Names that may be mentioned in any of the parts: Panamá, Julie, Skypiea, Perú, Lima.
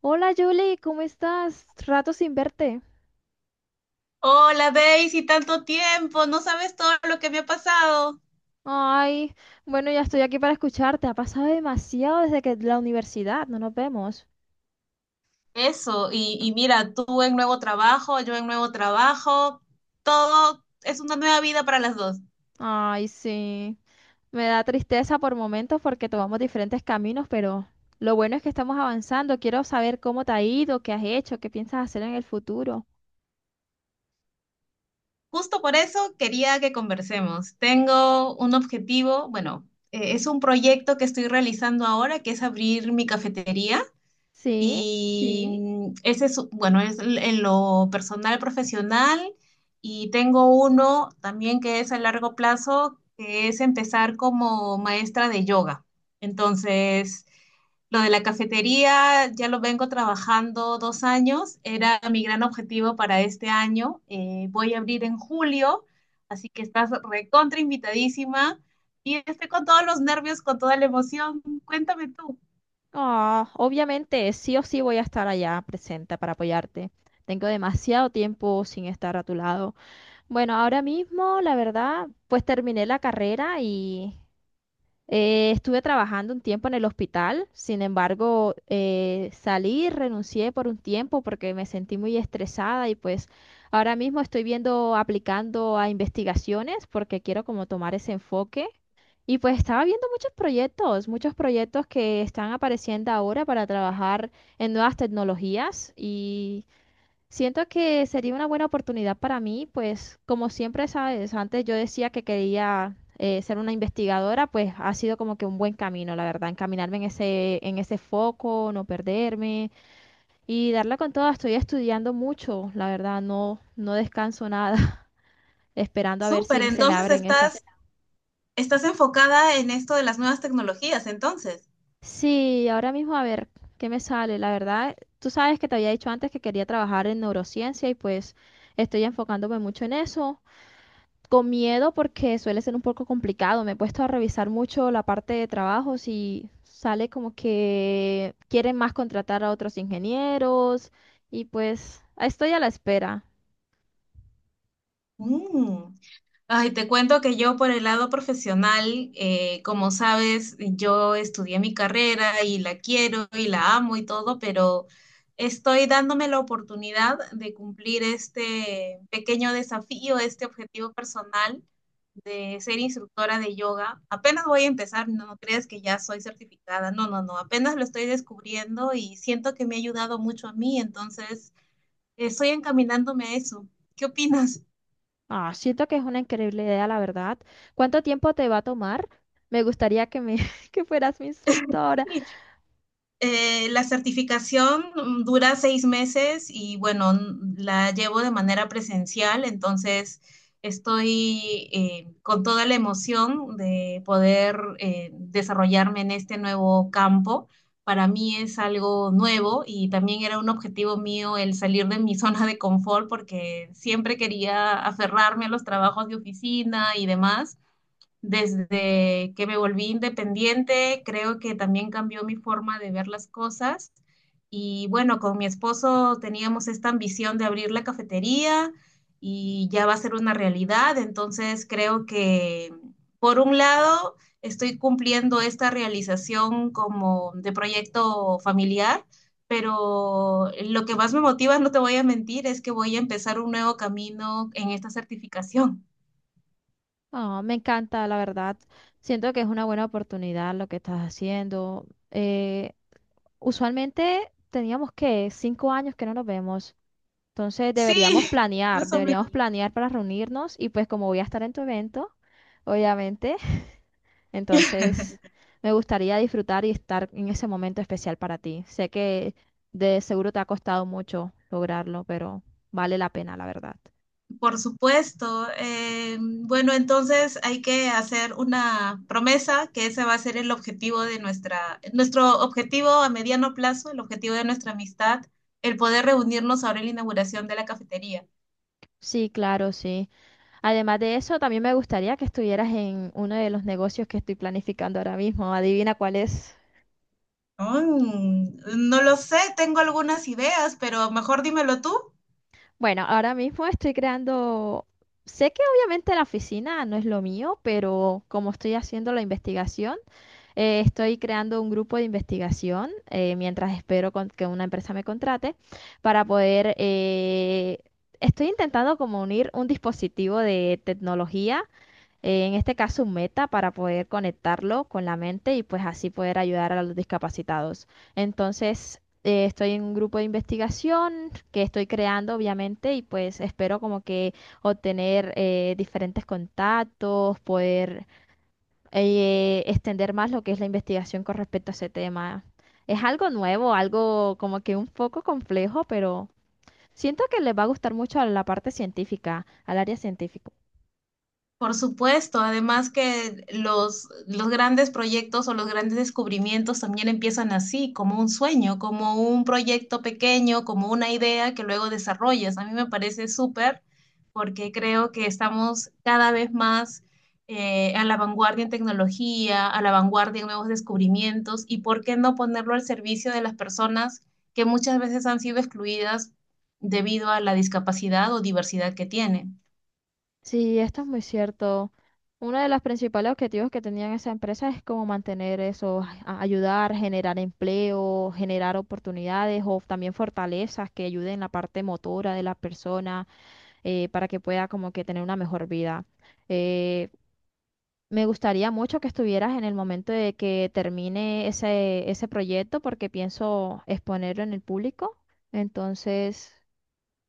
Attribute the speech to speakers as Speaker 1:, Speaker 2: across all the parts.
Speaker 1: Hola Julie, ¿cómo estás? Rato sin verte.
Speaker 2: Hola Daisy, tanto tiempo, no sabes todo lo que me ha pasado.
Speaker 1: Ay, bueno, ya estoy aquí para escucharte. Ha pasado demasiado desde que la universidad, no nos vemos.
Speaker 2: Eso, y mira, tú en nuevo trabajo, yo en nuevo trabajo, todo es una nueva vida para las dos.
Speaker 1: Ay, sí. Me da tristeza por momentos porque tomamos diferentes caminos, pero lo bueno es que estamos avanzando. Quiero saber cómo te ha ido, qué has hecho, qué piensas hacer en el futuro.
Speaker 2: Justo por eso quería que conversemos. Tengo un objetivo, bueno, es un proyecto que estoy realizando ahora, que es abrir mi cafetería.
Speaker 1: Sí.
Speaker 2: Y sí. Ese es, bueno, es en lo personal, profesional. Y tengo uno también que es a largo plazo, que es empezar como maestra de yoga. Entonces, lo de la cafetería ya lo vengo trabajando 2 años. Era mi gran objetivo para este año. Voy a abrir en julio, así que estás recontra invitadísima. Y estoy con todos los nervios, con toda la emoción. Cuéntame tú.
Speaker 1: Ah, obviamente, sí o sí voy a estar allá presente para apoyarte. Tengo demasiado tiempo sin estar a tu lado. Bueno, ahora mismo, la verdad, pues terminé la carrera y estuve trabajando un tiempo en el hospital. Sin embargo, salí, renuncié por un tiempo porque me sentí muy estresada y pues ahora mismo estoy viendo, aplicando a investigaciones porque quiero como tomar ese enfoque. Y pues estaba viendo muchos proyectos que están apareciendo ahora para trabajar en nuevas tecnologías. Siento que sería una buena oportunidad para mí, pues como siempre sabes, antes yo decía que quería ser una investigadora, pues ha sido como que un buen camino, la verdad, encaminarme en ese foco, no perderme y darla con todo. Estoy estudiando mucho, la verdad, no descanso nada, esperando a ver
Speaker 2: Súper,
Speaker 1: si se me
Speaker 2: entonces
Speaker 1: abren esas.
Speaker 2: estás enfocada en esto de las nuevas tecnologías, entonces.
Speaker 1: Sí, ahora mismo a ver qué me sale. La verdad, tú sabes que te había dicho antes que quería trabajar en neurociencia y pues estoy enfocándome mucho en eso. Con miedo porque suele ser un poco complicado. Me he puesto a revisar mucho la parte de trabajos y sale como que quieren más contratar a otros ingenieros y pues estoy a la espera.
Speaker 2: Mm. Ay, te cuento que yo por el lado profesional, como sabes, yo estudié mi carrera y la quiero y la amo y todo, pero estoy dándome la oportunidad de cumplir este pequeño desafío, este objetivo personal de ser instructora de yoga. Apenas voy a empezar, no, no creas que ya soy certificada, no, no, no, apenas lo estoy descubriendo y siento que me ha ayudado mucho a mí. Entonces, estoy encaminándome a eso. ¿Qué opinas?
Speaker 1: Ah, siento que es una increíble idea, la verdad. ¿Cuánto tiempo te va a tomar? Me gustaría que me que fueras mi instructora.
Speaker 2: Sí. La certificación, dura 6 meses y bueno, la llevo de manera presencial, entonces estoy con toda la emoción de poder desarrollarme en este nuevo campo. Para mí es algo nuevo y también era un objetivo mío el salir de mi zona de confort, porque siempre quería aferrarme a los trabajos de oficina y demás. Desde que me volví independiente, creo que también cambió mi forma de ver las cosas. Y bueno, con mi esposo teníamos esta ambición de abrir la cafetería y ya va a ser una realidad. Entonces creo que, por un lado, estoy cumpliendo esta realización como de proyecto familiar, pero lo que más me motiva, no te voy a mentir, es que voy a empezar un nuevo camino en esta certificación.
Speaker 1: Ah, me encanta, la verdad. Siento que es una buena oportunidad lo que estás haciendo. Eh, usualmente teníamos que 5 años que no nos vemos. Entonces
Speaker 2: Más o menos.
Speaker 1: deberíamos planear para reunirnos y pues como voy a estar en tu evento, obviamente, entonces me gustaría disfrutar y estar en ese momento especial para ti. Sé que de seguro te ha costado mucho lograrlo, pero vale la pena, la verdad.
Speaker 2: Por supuesto. Bueno, entonces hay que hacer una promesa, que ese va a ser el objetivo de nuestro objetivo a mediano plazo, el objetivo de nuestra amistad, el poder reunirnos ahora en la inauguración de la cafetería.
Speaker 1: Sí, claro, sí. Además de eso, también me gustaría que estuvieras en uno de los negocios que estoy planificando ahora mismo. Adivina cuál es.
Speaker 2: Mm, no lo sé, tengo algunas ideas, pero mejor dímelo tú.
Speaker 1: Bueno, ahora mismo estoy creando, sé que obviamente la oficina no es lo mío, pero como estoy haciendo la investigación, estoy creando un grupo de investigación mientras espero que una empresa me contrate para poder, estoy intentando como unir un dispositivo de tecnología en este caso un meta para poder conectarlo con la mente y pues así poder ayudar a los discapacitados. Entonces, estoy en un grupo de investigación que estoy creando, obviamente, y pues espero como que obtener diferentes contactos, poder extender más lo que es la investigación con respecto a ese tema. Es algo nuevo, algo como que un poco complejo, pero siento que les va a gustar mucho a la parte científica, al área científica.
Speaker 2: Por supuesto, además que los grandes proyectos o los grandes descubrimientos también empiezan así, como un sueño, como un proyecto pequeño, como una idea que luego desarrollas. A mí me parece súper, porque creo que estamos cada vez más a la vanguardia en tecnología, a la vanguardia en nuevos descubrimientos, y por qué no ponerlo al servicio de las personas que muchas veces han sido excluidas debido a la discapacidad o diversidad que tienen.
Speaker 1: Sí, esto es muy cierto. Uno de los principales objetivos que tenían esa empresa es como mantener eso, ayudar, generar empleo, generar oportunidades o también fortalezas que ayuden en la parte motora de la persona para que pueda como que tener una mejor vida. Eh, me gustaría mucho que estuvieras en el momento de que termine ese, ese proyecto porque pienso exponerlo en el público. Entonces...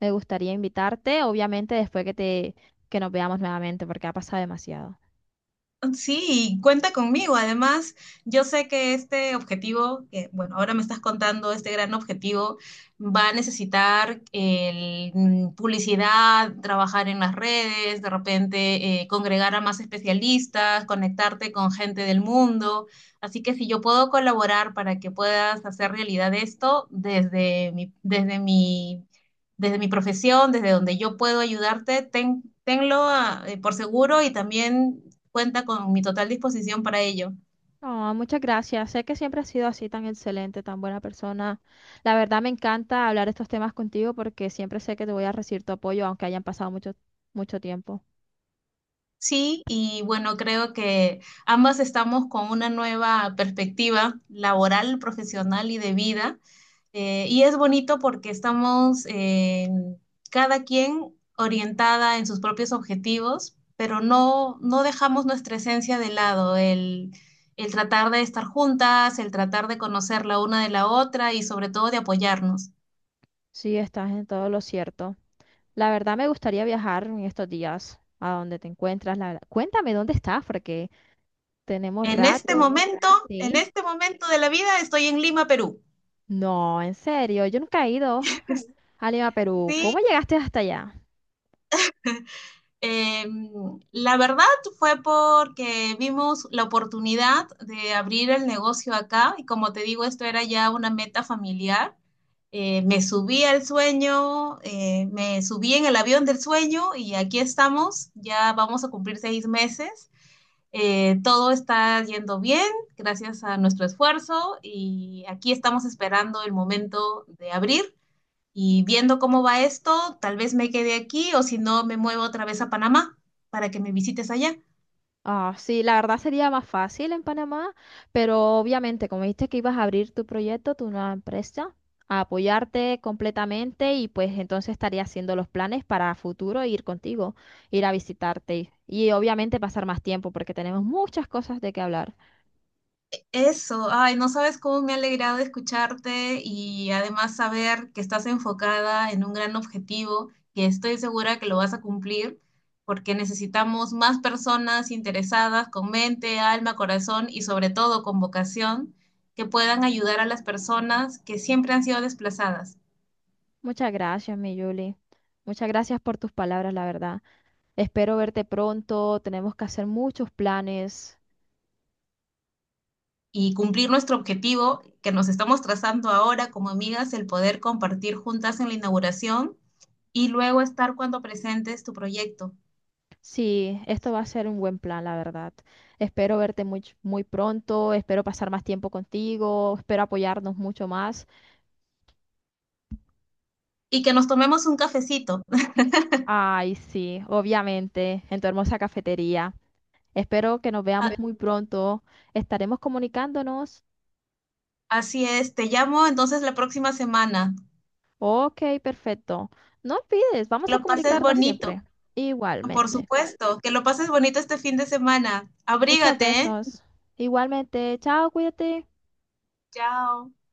Speaker 1: Me gustaría invitarte, obviamente después que te que nos veamos nuevamente, porque ha pasado demasiado.
Speaker 2: Sí, cuenta conmigo. Además, yo sé que este objetivo, que bueno, ahora me estás contando este gran objetivo, va a necesitar publicidad, trabajar en las redes, de repente congregar a más especialistas, conectarte con gente del mundo. Así que si yo puedo colaborar para que puedas hacer realidad esto, desde mi profesión, desde donde yo puedo ayudarte, tenlo por seguro, y también cuenta con mi total disposición para ello.
Speaker 1: No, muchas gracias. Sé que siempre has sido así tan excelente, tan buena persona. La verdad me encanta hablar estos temas contigo porque siempre sé que te voy a recibir tu apoyo, aunque hayan pasado mucho, mucho tiempo.
Speaker 2: Sí, y bueno, creo que ambas estamos con una nueva perspectiva laboral, profesional y de vida. Y es bonito porque estamos cada quien orientada en sus propios objetivos, pero no, no dejamos nuestra esencia de lado, el tratar de estar juntas, el tratar de conocer la una de la otra y sobre todo de apoyarnos.
Speaker 1: Sí, estás en todo lo cierto. La verdad me gustaría viajar en estos días a donde te encuentras. La verdad. Cuéntame dónde estás, porque tenemos
Speaker 2: En este
Speaker 1: rato.
Speaker 2: momento, en
Speaker 1: Sí.
Speaker 2: este momento de la vida estoy en Lima, Perú.
Speaker 1: No, en serio, yo nunca he ido a Lima, Perú.
Speaker 2: Sí,
Speaker 1: ¿Cómo llegaste hasta allá?
Speaker 2: eh, la verdad fue porque vimos la oportunidad de abrir el negocio acá, y como te digo, esto era ya una meta familiar. Me subí al sueño, me subí en el avión del sueño, y aquí estamos, ya vamos a cumplir 6 meses. Todo está yendo bien gracias a nuestro esfuerzo, y aquí estamos esperando el momento de abrir. Y viendo cómo va esto, tal vez me quede aquí o, si no, me muevo otra vez a Panamá para que me visites allá.
Speaker 1: Ah, sí, la verdad sería más fácil en Panamá, pero obviamente, como dijiste que ibas a abrir tu proyecto, tu nueva empresa, a apoyarte completamente y pues entonces estaría haciendo los planes para futuro e ir contigo, ir a visitarte y obviamente pasar más tiempo porque tenemos muchas cosas de qué hablar.
Speaker 2: Eso, ay, no sabes cómo me ha alegrado escucharte, y además saber que estás enfocada en un gran objetivo, que estoy segura que lo vas a cumplir, porque necesitamos más personas interesadas con mente, alma, corazón y sobre todo con vocación, que puedan ayudar a las personas que siempre han sido desplazadas.
Speaker 1: Muchas gracias, mi Julie. Muchas gracias por tus palabras, la verdad. Espero verte pronto. Tenemos que hacer muchos planes.
Speaker 2: Y cumplir nuestro objetivo, que nos estamos trazando ahora como amigas, el poder compartir juntas en la inauguración y luego estar cuando presentes tu proyecto,
Speaker 1: Sí, esto va a ser un buen plan, la verdad. Espero verte muy, muy pronto, espero pasar más tiempo contigo, espero apoyarnos mucho más.
Speaker 2: y que nos tomemos un cafecito.
Speaker 1: Ay, sí, obviamente, en tu hermosa cafetería. Espero que nos veamos muy pronto. Estaremos comunicándonos.
Speaker 2: Así es, te llamo entonces la próxima semana.
Speaker 1: Ok, perfecto. No olvides,
Speaker 2: Que
Speaker 1: vamos a
Speaker 2: lo pases
Speaker 1: comunicarnos siempre.
Speaker 2: bonito, por
Speaker 1: Igualmente.
Speaker 2: supuesto. Que lo pases bonito este fin de semana.
Speaker 1: Muchos
Speaker 2: Abrígate, ¿eh?
Speaker 1: besos. Igualmente. Chao, cuídate.
Speaker 2: Chao.